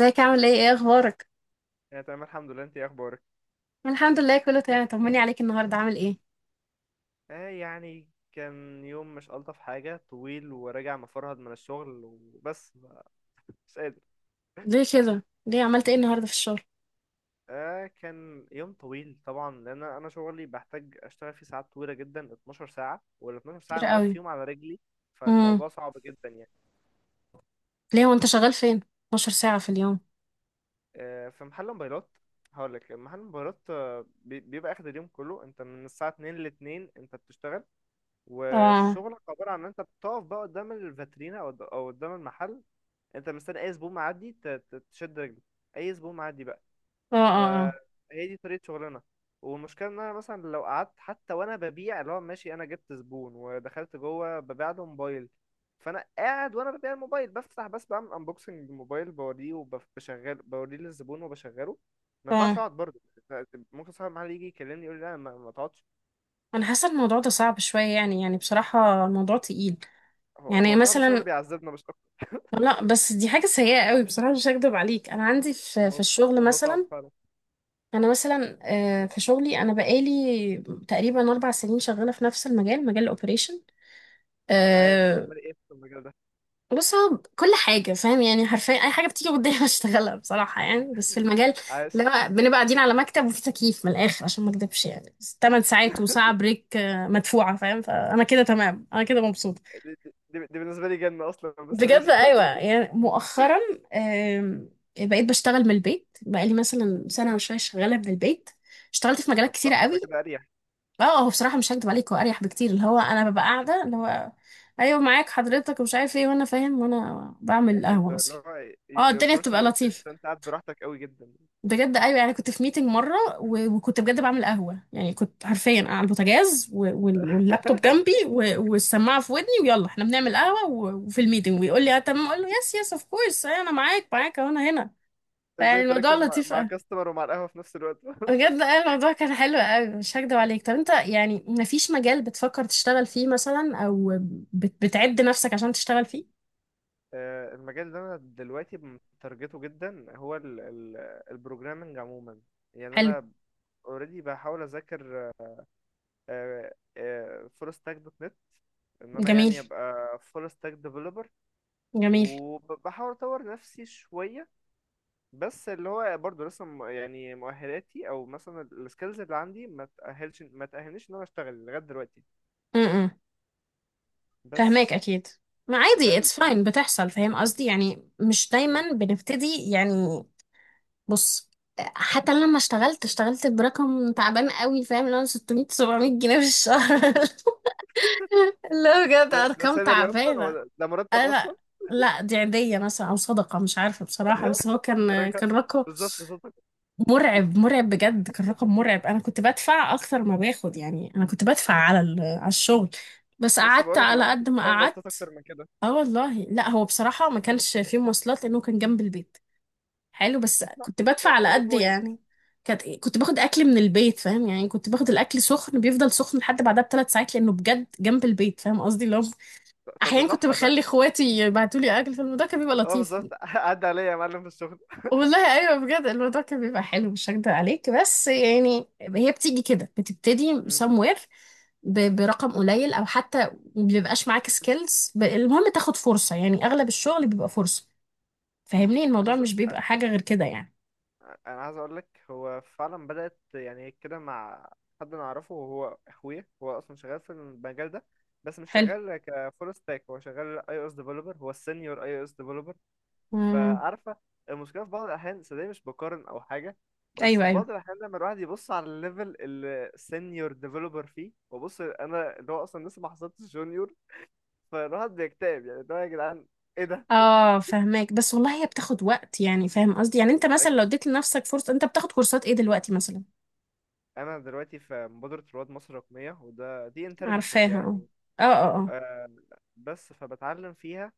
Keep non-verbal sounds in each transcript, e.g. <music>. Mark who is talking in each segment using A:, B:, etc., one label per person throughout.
A: ازيك؟ عامل ايه اخبارك؟
B: يعني تمام، الحمد لله. انت ايه اخبارك؟
A: الحمد لله كله تمام. طمني عليك، النهارده عامل ايه؟
B: اه، يعني كان يوم مش الطف حاجه، طويل، وراجع مفرهد من الشغل وبس. مش قادر.
A: ليه كده؟ ليه عملت ايه النهارده في الشغل؟
B: اه، كان يوم طويل طبعا، لان انا شغلي بحتاج اشتغل فيه ساعات طويله جدا، 12 ساعه، وال 12 ساعه
A: كتير
B: انا واقف
A: قوي.
B: فيهم على رجلي.
A: امم
B: فالموضوع صعب جدا يعني.
A: ليه وانت شغال فين؟ 12 ساعه في اليوم؟
B: اه، في محل موبايلات. هقول لك محل موبايلات. اه، بيبقى اخد اليوم كله، انت من الساعه 2 ل 2 انت بتشتغل.
A: اه،
B: وشغلك عباره عن ان انت بتقف بقى قدام الفاترينا او أو قدام المحل. انت مستني اي زبون معدي تشد رجله. اي زبون معدي بقى.
A: اه، اه. اه،
B: فهي دي طريقه شغلنا. والمشكله ان انا مثلا لو قعدت حتى وانا ببيع، اللي هو ماشي انا جبت زبون ودخلت جوه ببيع له موبايل. فانا قاعد وانا ببيع الموبايل، بفتح بس بعمل انبوكسنج الموبايل، بوريه وبشغل بوريه للزبون وبشغله. ما ينفعش
A: اه،
B: اقعد برضه. ممكن صاحب المحل يجي يكلمني يقول لي لا ما تقعدش.
A: انا حاسه الموضوع ده صعب شويه، يعني بصراحه الموضوع تقيل.
B: هو
A: يعني
B: هو صاحب الشغل
A: مثلا؟
B: بيعذبنا مش اكتر.
A: لا، بس دي حاجه سيئه قوي بصراحه، مش هكدب عليك، انا عندي في
B: الموضوع
A: الشغل
B: الموضوع صعب
A: مثلا.
B: فعلا.
A: انا مثلا، في شغلي انا بقالي تقريبا 4 سنين شغاله في نفس المجال، مجال الاوبريشن.
B: طب عايش
A: آه،
B: تعمل ايه في المجال ده؟
A: بص، هو كل حاجة فاهم، يعني حرفيا أي حاجة بتيجي قدامي <laughs> بشتغلها بصراحة، يعني بس في المجال.
B: عايش.
A: لا، بنبقى قاعدين على مكتب وفي تكييف من الآخر، عشان ما أكدبش، يعني بس 8 ساعات و1 ساعة بريك، مدفوعة، فاهم؟ فأنا كده تمام، أنا كده مبسوطة.
B: دي بالنسبة لي جنة أصلا، بس
A: بجد
B: ماشي
A: أيوة.
B: <laughs>
A: يعني مؤخرا، آم، بقيت بشتغل من البيت بقالي مثلا سنة وشوية شغالة من البيت. اشتغلت في مجالات
B: طب
A: كتيرة
B: تحفة ده،
A: قوي.
B: كده أريح.
A: اه، هو بصراحة مش هكدب عليك، هو أريح بكتير، اللي هو أنا ببقى قاعدة، اللي هو أيوة معاك حضرتك ومش عارف ايه، وأنا فاهم، وأنا بعمل
B: إيه
A: قهوة
B: أنت اللي
A: مثلا.
B: هو
A: اه،
B: your
A: الدنيا بتبقى
B: personal space،
A: لطيفة.
B: فأنت قاعد براحتك قوي جدا.
A: بجد ايوه. يعني كنت في ميتنج مره وكنت بجد بعمل قهوه، يعني كنت حرفيا على البوتاجاز واللابتوب جنبي والسماعه في ودني، ويلا احنا بنعمل قهوه وفي الميتنج ويقول لي اه تمام، اقول له يس يس اوف كورس انا معاك، معاك اهو، انا هنا. فيعني
B: إزاي
A: الموضوع
B: تركز مع
A: لطيف
B: مع
A: قوي.
B: كاستمر ومع القهوة في نفس الوقت؟ <laughs>
A: بجد اه، الموضوع كان حلو قوي، مش هكدب عليك. طب انت يعني مفيش مجال بتفكر تشتغل فيه مثلا، او بتعد نفسك عشان تشتغل فيه؟
B: المجال اللي أنا دلوقتي مترجته جدا هو البروجرامنج عموما. يعني
A: حلو.
B: أنا اوريدي بحاول اذاكر فول ستاك دوت نت، ان انا
A: جميل.
B: يعني ابقى فول ستاك ديفلوبر.
A: جميل.
B: وبحاول اطور نفسي شويه، بس اللي هو برضه لسه يعني مؤهلاتي او مثلا السكيلز اللي عندي ما تأهلنيش ان انا اشتغل لغايه دلوقتي.
A: فهماك،
B: بس.
A: اكيد. ما
B: ده
A: عادي،
B: ال...
A: اتس
B: ده ال...
A: فاين، بتحصل، فاهم قصدي؟ يعني مش
B: مم.
A: دايما بنبتدي، يعني بص حتى
B: مم.
A: لما اشتغلت، اشتغلت برقم تعبان قوي، فاهم؟ اللي هو 600، 700 جنيه في الشهر <laughs> اللي هو بجد
B: ده
A: ارقام
B: سالري اصلا، هو
A: تعبانه.
B: ده مرتب
A: انا
B: اصلا؟
A: لا، لا دي عيدية مثلا او صدقة، مش عارفة بصراحة، بس هو
B: <laughs>
A: كان
B: راجع-
A: رقم
B: بالظبط، بالظبط.
A: مرعب، مرعب بجد، كان رقم مرعب. انا كنت بدفع اكتر ما باخد، يعني انا كنت بدفع على الشغل. بس
B: لسه
A: قعدت
B: بقول لك، لو
A: على
B: انت
A: قد ما
B: بتدفع مواصلات
A: قعدت.
B: اكتر من كده.
A: اه والله، لا هو بصراحة ما كانش فيه مواصلات لأنه كان جنب البيت. حلو، بس
B: لا.
A: كنت بدفع
B: طب
A: على
B: دي
A: قد،
B: بوينت.
A: يعني كانت كنت باخد أكل من البيت، فاهم؟ يعني كنت باخد الأكل سخن، بيفضل سخن لحد بعدها ب3 ساعات لأنه بجد جنب البيت، فاهم قصدي؟ لو
B: طب ده
A: أحيانا كنت
B: تحفه ده.
A: بخلي إخواتي يبعتوا لي أكل، فالموضوع كان بيبقى
B: اه،
A: لطيف.
B: بالظبط <laughs> عدى عليا يا معلم في الشغل.
A: والله أيوه، بجد الموضوع كان بيبقى حلو، مش هكدب عليك. بس يعني هي بتيجي كده، بتبتدي
B: مم.
A: somewhere، برقم قليل او حتى ما بيبقاش معاك
B: <clears throat>
A: سكيلز، المهم تاخد فرصه، يعني اغلب الشغل بيبقى فرصه،
B: مم.
A: فاهمني؟ الموضوع مش بيبقى حاجة غير كده، يعني.
B: انا عايز اقول لك هو فعلا بدات يعني كده مع حد انا اعرفه، وهو اخويا، هو اصلا شغال في المجال ده. بس مش
A: حلو.
B: شغال كفول ستاك، هو شغال اي او اس ديفلوبر، هو السينيور اي او اس ديفلوبر.
A: امم
B: فعارفه. المشكله في بعض الاحيان، صدقني مش بقارن او حاجه. بس
A: ايوه،
B: في
A: ايوه.
B: بعض الاحيان، لما الواحد يبص على الليفل اللي السينيور ديفلوبر فيه، وبص انا اللي هو اصلا لسه ما حصلتش جونيور. فالواحد بيكتئب، يعني اللي هو يا جدعان، ايه ده؟
A: اه فهماك، بس والله هي بتاخد وقت، يعني فاهم قصدي؟ يعني انت مثلا لو
B: اكيد.
A: اديت لنفسك فرصة. انت بتاخد كورسات ايه دلوقتي مثلا؟
B: انا دلوقتي في مبادره رواد مصر الرقميه، دي انترنشيب
A: عارفاها.
B: يعني.
A: اه، اه، اه.
B: آه. بس فبتعلم فيها.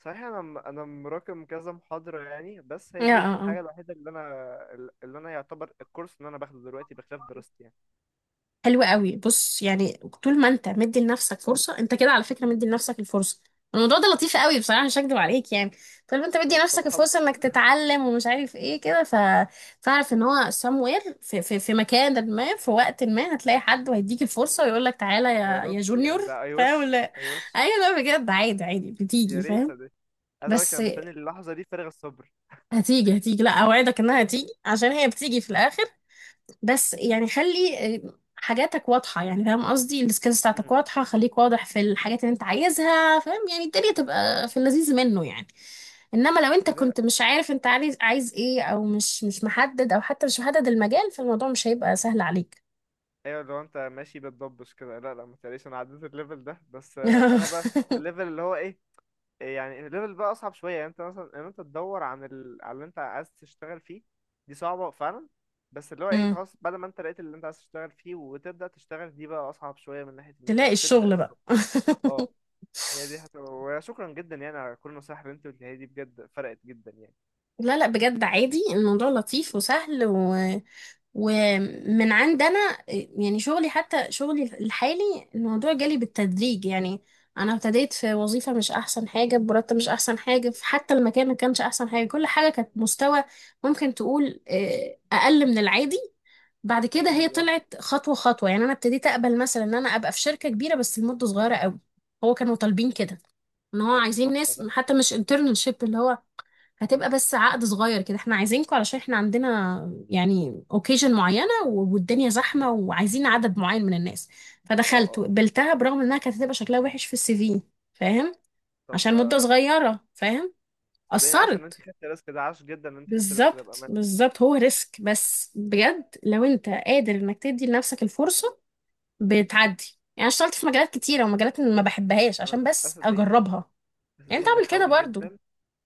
B: صحيح انا مراكم كذا محاضرة يعني، بس
A: اه،
B: هي دي
A: اه، اه.
B: الحاجة الوحيدة اللي انا، اللي انا يعتبر الكورس اللي انا باخده دلوقتي بخلاف دراستي يعني.
A: حلو قوي. بص يعني طول ما انت مدي لنفسك فرصه، انت كده على فكره مدي لنفسك الفرصه. الموضوع ده لطيف قوي بصراحه، مش هكدب عليك. يعني طول ما انت مدي
B: طب
A: نفسك
B: الحمد
A: الفرصه انك
B: لله.
A: تتعلم ومش عارف ايه كده، ف فاعرف ان هو somewhere في مكان ما، في وقت ما، هتلاقي حد وهيديك الفرصه ويقول لك تعالى
B: يا رب،
A: يا جونيور.
B: يعني ده اي
A: فاهم
B: وش.
A: ولا؟
B: اي وش.
A: ايوه، لا بجد عادي، عادي
B: يا
A: بتيجي
B: ريت،
A: فاهم.
B: يا ريت. عايز اقول لك
A: بس
B: انا مستني اللحظة دي فارغ الصبر.
A: هتيجي، هتيجي، لا اوعدك انها هتيجي عشان هي بتيجي في الاخر. بس يعني خلي حاجاتك واضحة، يعني فاهم قصدي؟ السكيلز بتاعتك
B: مم.
A: واضحة، خليك واضح في الحاجات اللي انت عايزها، فاهم؟ يعني الدنيا
B: مم.
A: تبقى في اللذيذ منه، يعني انما لو انت
B: هذا.
A: كنت مش عارف انت عايز ايه، او مش محدد، او حتى مش محدد المجال، فالموضوع مش هيبقى سهل عليك.
B: ايوه، لو انت ماشي بتضبش كده، لا لا ما تقلقش انا عديت الليفل ده، بس انا بقى في
A: <laughs>
B: الليفل اللي هو ايه. يعني الليفل بقى اصعب شويه، يعني انت مثلا ان انت تدور على اللي انت عايز تشتغل فيه. دي صعبه فعلا. بس اللي هو ايه، انت
A: مم.
B: خلاص بعد ما انت لقيت اللي انت عايز تشتغل فيه وتبدا تشتغل، دي بقى اصعب شويه من ناحيه ان انت
A: تلاقي
B: تبدا
A: الشغل بقى.
B: الشغل. اه.
A: <laughs>
B: هي دي حتى، وشكرا جدا يعني على كل النصايح اللي انت قلتها لي دي، بجد فرقت جدا يعني.
A: لا لا بجد عادي، الموضوع لطيف وسهل و... ومن عندنا. يعني شغلي، حتى شغلي الحالي، الموضوع جالي بالتدريج، يعني انا ابتديت في وظيفة مش احسن حاجة، بمرتب مش احسن حاجة، في حتى المكان ما كانش احسن حاجة، كل حاجة كانت مستوى ممكن تقول اقل من العادي. بعد كده هي
B: اكيد، اه.
A: طلعت خطوة خطوة، يعني انا ابتديت اقبل مثلا ان انا ابقى في شركة كبيرة بس لمدة صغيرة قوي. هو كانوا طالبين كده، ان هو
B: طب ده
A: عايزين
B: صح
A: ناس
B: ده.
A: حتى مش internship، اللي هو
B: م-
A: هتبقى
B: م-
A: بس عقد صغير كده، احنا عايزينكم علشان احنا عندنا يعني اوكيجن معينة والدنيا
B: م.
A: زحمة، وعايزين عدد معين من الناس،
B: اه،
A: فدخلت
B: اه.
A: وقبلتها برغم انها كانت هتبقى شكلها وحش في السي في، فاهم؟
B: طب
A: عشان مدة
B: ده.
A: صغيرة، فاهم؟
B: صدقيني عاش ان انت
A: أثرت.
B: خدت الريسك ده، عاش جدا ان انت خدت الريسك ده
A: بالظبط،
B: بامانه.
A: بالظبط. هو ريسك بس بجد لو انت قادر انك تدي لنفسك الفرصة، بتعدي. يعني أنا اشتغلت في مجالات كتيرة، ومجالات ما بحبهاش
B: انا.
A: عشان
B: أنا،
A: بس
B: صدقيني.
A: اجربها. يعني انت
B: صدقيني
A: اعمل كده
B: بحاول
A: برضو.
B: جدا.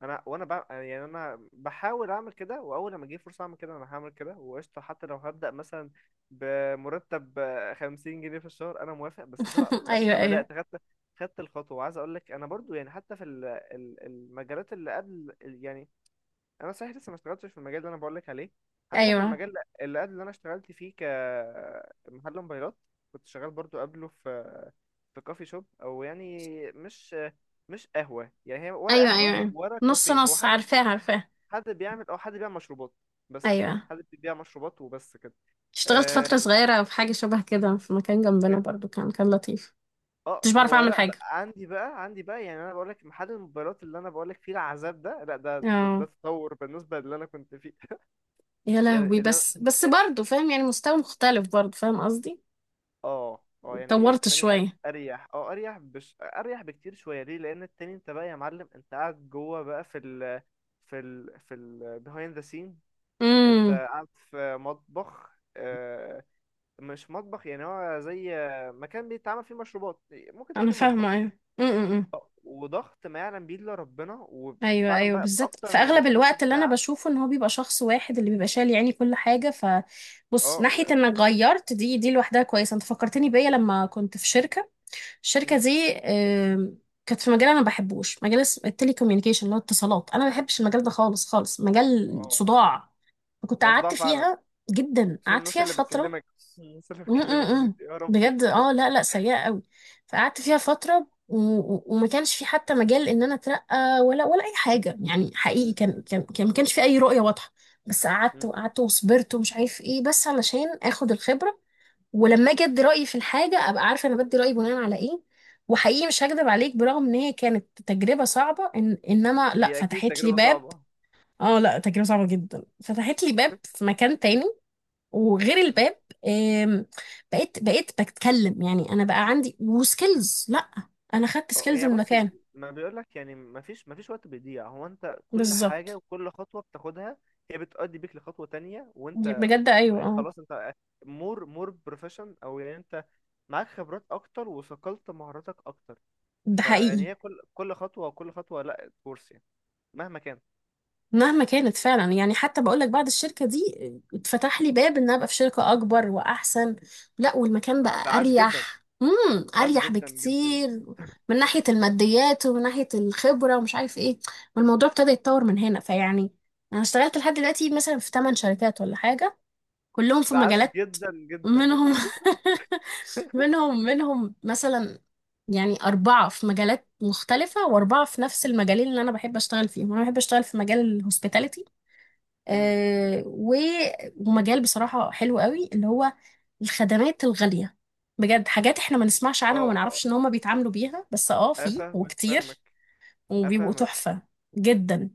B: يعني انا بحاول اعمل كده، واول لما اجيب فرصه اعمل كده انا هعمل كده وقشطه، حتى لو هبدا مثلا بمرتب 50 جنيه في الشهر انا موافق. بس ده
A: <laughs> ايوه،
B: ابقى
A: ايوه.
B: بدات، خدت الخطوه. وعايز اقول لك انا برضو، يعني حتى في المجالات اللي قبل، يعني انا صحيح لسه ما اشتغلتش في المجال اللي انا بقول لك عليه. حتى في
A: ايوه،
B: المجال اللي قبل، اللي انا اشتغلت فيه كمحل موبايلات، كنت شغال برضو قبله في كافي شوب، او يعني مش مش قهوه يعني، هي ورا
A: ايوه.
B: قهوه
A: ايوه،
B: ورا
A: نص
B: كافيه، هو
A: نص،
B: حد،
A: عارفاه عارفاه.
B: حد بيعمل او حد بيبيع مشروبات. بس
A: ايوه
B: حد بيبيع مشروبات وبس كده.
A: اشتغلت فترة
B: اه،
A: صغيرة في حاجة شبه كده في مكان جنبنا
B: ك-
A: برضو، كان لطيف. مش بعرف
B: هو،
A: اعمل
B: لا
A: حاجة.
B: بقى عندي بقى يعني، انا بقول لك محل الموبايلات اللي انا بقول لك فيه العذاب ده، لا ده ده
A: اه،
B: تطور بالنسبه للي انا كنت فيه <laughs>
A: يا لهوي.
B: يعني
A: بس برضو فاهم، يعني مستوى مختلف برضو، فاهم قصدي؟
B: اه، اه، يعني
A: اتطورت
B: التاني
A: شوية.
B: اريح. اه اريح بش اريح بكتير شويه، ليه؟ لان التاني انت بقى يا معلم، انت قاعد جوه بقى في ال، في ال behind the scenes. انت
A: امم.
B: قاعد في مطبخ، مش مطبخ يعني، هو زي مكان بيتعمل فيه مشروبات، ممكن
A: انا
B: تقولي مطبخ.
A: فاهمة، ايوه. امم.
B: وضغط ما يعلم بيه الا ربنا،
A: ايوه،
B: وفعلا
A: ايوه،
B: بقى
A: بالذات
B: باكتر
A: في
B: من
A: اغلب
B: 12
A: الوقت اللي انا
B: ساعة.
A: بشوفه ان هو بيبقى شخص واحد اللي بيبقى شايل يعني كل حاجة، ف بص
B: اه،
A: ناحية انك غيرت، دي لوحدها كويسة. انت فكرتني بيا لما كنت في شركة. الشركه
B: مم.
A: دي كانت في مجال انا ما بحبوش، مجال التليكوميونيكيشن، اللي هو اتصالات، انا ما بحبش المجال ده خالص خالص، مجال
B: اه،
A: صداع، فكنت
B: هو صداع
A: قعدت
B: فعلا،
A: فيها جدا،
B: خصوصا
A: قعدت
B: الناس
A: فيها
B: اللي
A: فتره.
B: بتكلمك خصوصا الناس اللي
A: م -م
B: بتكلمك دي
A: -م.
B: يا ربي.
A: بجد اه، لا لا سيئه قوي. فقعدت فيها فتره وما كانش في حتى مجال ان انا اترقى ولا اي حاجه. يعني حقيقي،
B: مم.
A: كان ما كانش في اي رؤيه واضحه. بس قعدت
B: مم.
A: وقعدت وصبرت، ومش عارف ايه، بس علشان اخد الخبره ولما اجي ادي رايي في الحاجه ابقى عارفه انا بدي رايي بناء على ايه. وحقيقي مش هكدب عليك، برغم ان هي كانت تجربه صعبه إن انما لا،
B: هي اكيد
A: فتحت لي
B: تجربة
A: باب.
B: صعبة.
A: اه لا، تجربه صعبه جدا فتحت لي باب في مكان تاني. وغير الباب، آم، بقيت بتكلم، يعني انا بقى عندي وسكيلز، لا انا خدت
B: اه،
A: سكيلز
B: يعني
A: من
B: بص،
A: مكان.
B: ما بيقولك يعني، ما فيش وقت بيضيع، هو انت كل حاجة
A: بالظبط.
B: وكل خطوة بتاخدها هي بتؤدي بيك لخطوة تانية،
A: دي
B: وانت
A: بجد، ايوه، اه.
B: خلاص انت مور بروفيشن او يعني انت معاك خبرات اكتر وثقلت مهاراتك اكتر.
A: ده
B: فيعني
A: حقيقي.
B: هي كل خطوة، وكل خطوة لا كورس يعني، مهما كان،
A: مهما كانت فعلا. يعني حتى بقول لك بعد الشركة دي اتفتح لي باب ان ابقى في شركة اكبر واحسن. لا، والمكان
B: فده
A: بقى
B: عاش جدا،
A: اريح، امم،
B: عاش
A: اريح
B: جدا جدا يعني.
A: بكتير، من ناحية الماديات، ومن ناحية الخبرة، ومش عارف ايه. والموضوع ابتدى يتطور من هنا. فيعني انا اشتغلت لحد دلوقتي مثلا في 8 شركات ولا حاجة، كلهم في
B: ده عاش
A: مجالات،
B: جدا جدا يعني
A: منهم
B: <laughs>
A: <laughs> منهم مثلا، يعني أربعة في مجالات مختلفة، وأربعة في نفس المجالين اللي أنا بحب أشتغل فيهم. أنا بحب أشتغل في مجال الهوسبيتاليتي،
B: امم.
A: آه، و- ومجال بصراحة حلو قوي، اللي هو الخدمات الغالية. بجد حاجات احنا ما نسمعش عنها وما
B: اه، اه.
A: نعرفش ان هما بيتعاملوا بيها، بس اه في،
B: افهمك،
A: وكتير،
B: فاهمك،
A: وبيبقوا
B: افهمك.
A: تحفة جدا.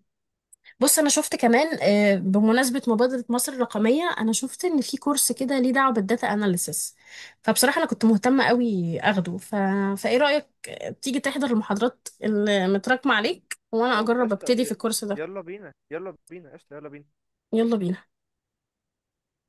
A: بص، انا شفت كمان بمناسبة مبادرة مصر الرقمية، انا شفت ان في كورس كده ليه دعوة، بالداتا اناليسس، فبصراحة انا كنت مهتمة قوي اخده ف... فايه رأيك تيجي تحضر المحاضرات اللي متراكمة عليك وانا
B: طب
A: اجرب
B: قشطة،
A: ابتدي في الكورس ده؟
B: يلا بينا، يلا بينا قشطة، يلا بينا.
A: يلا بينا.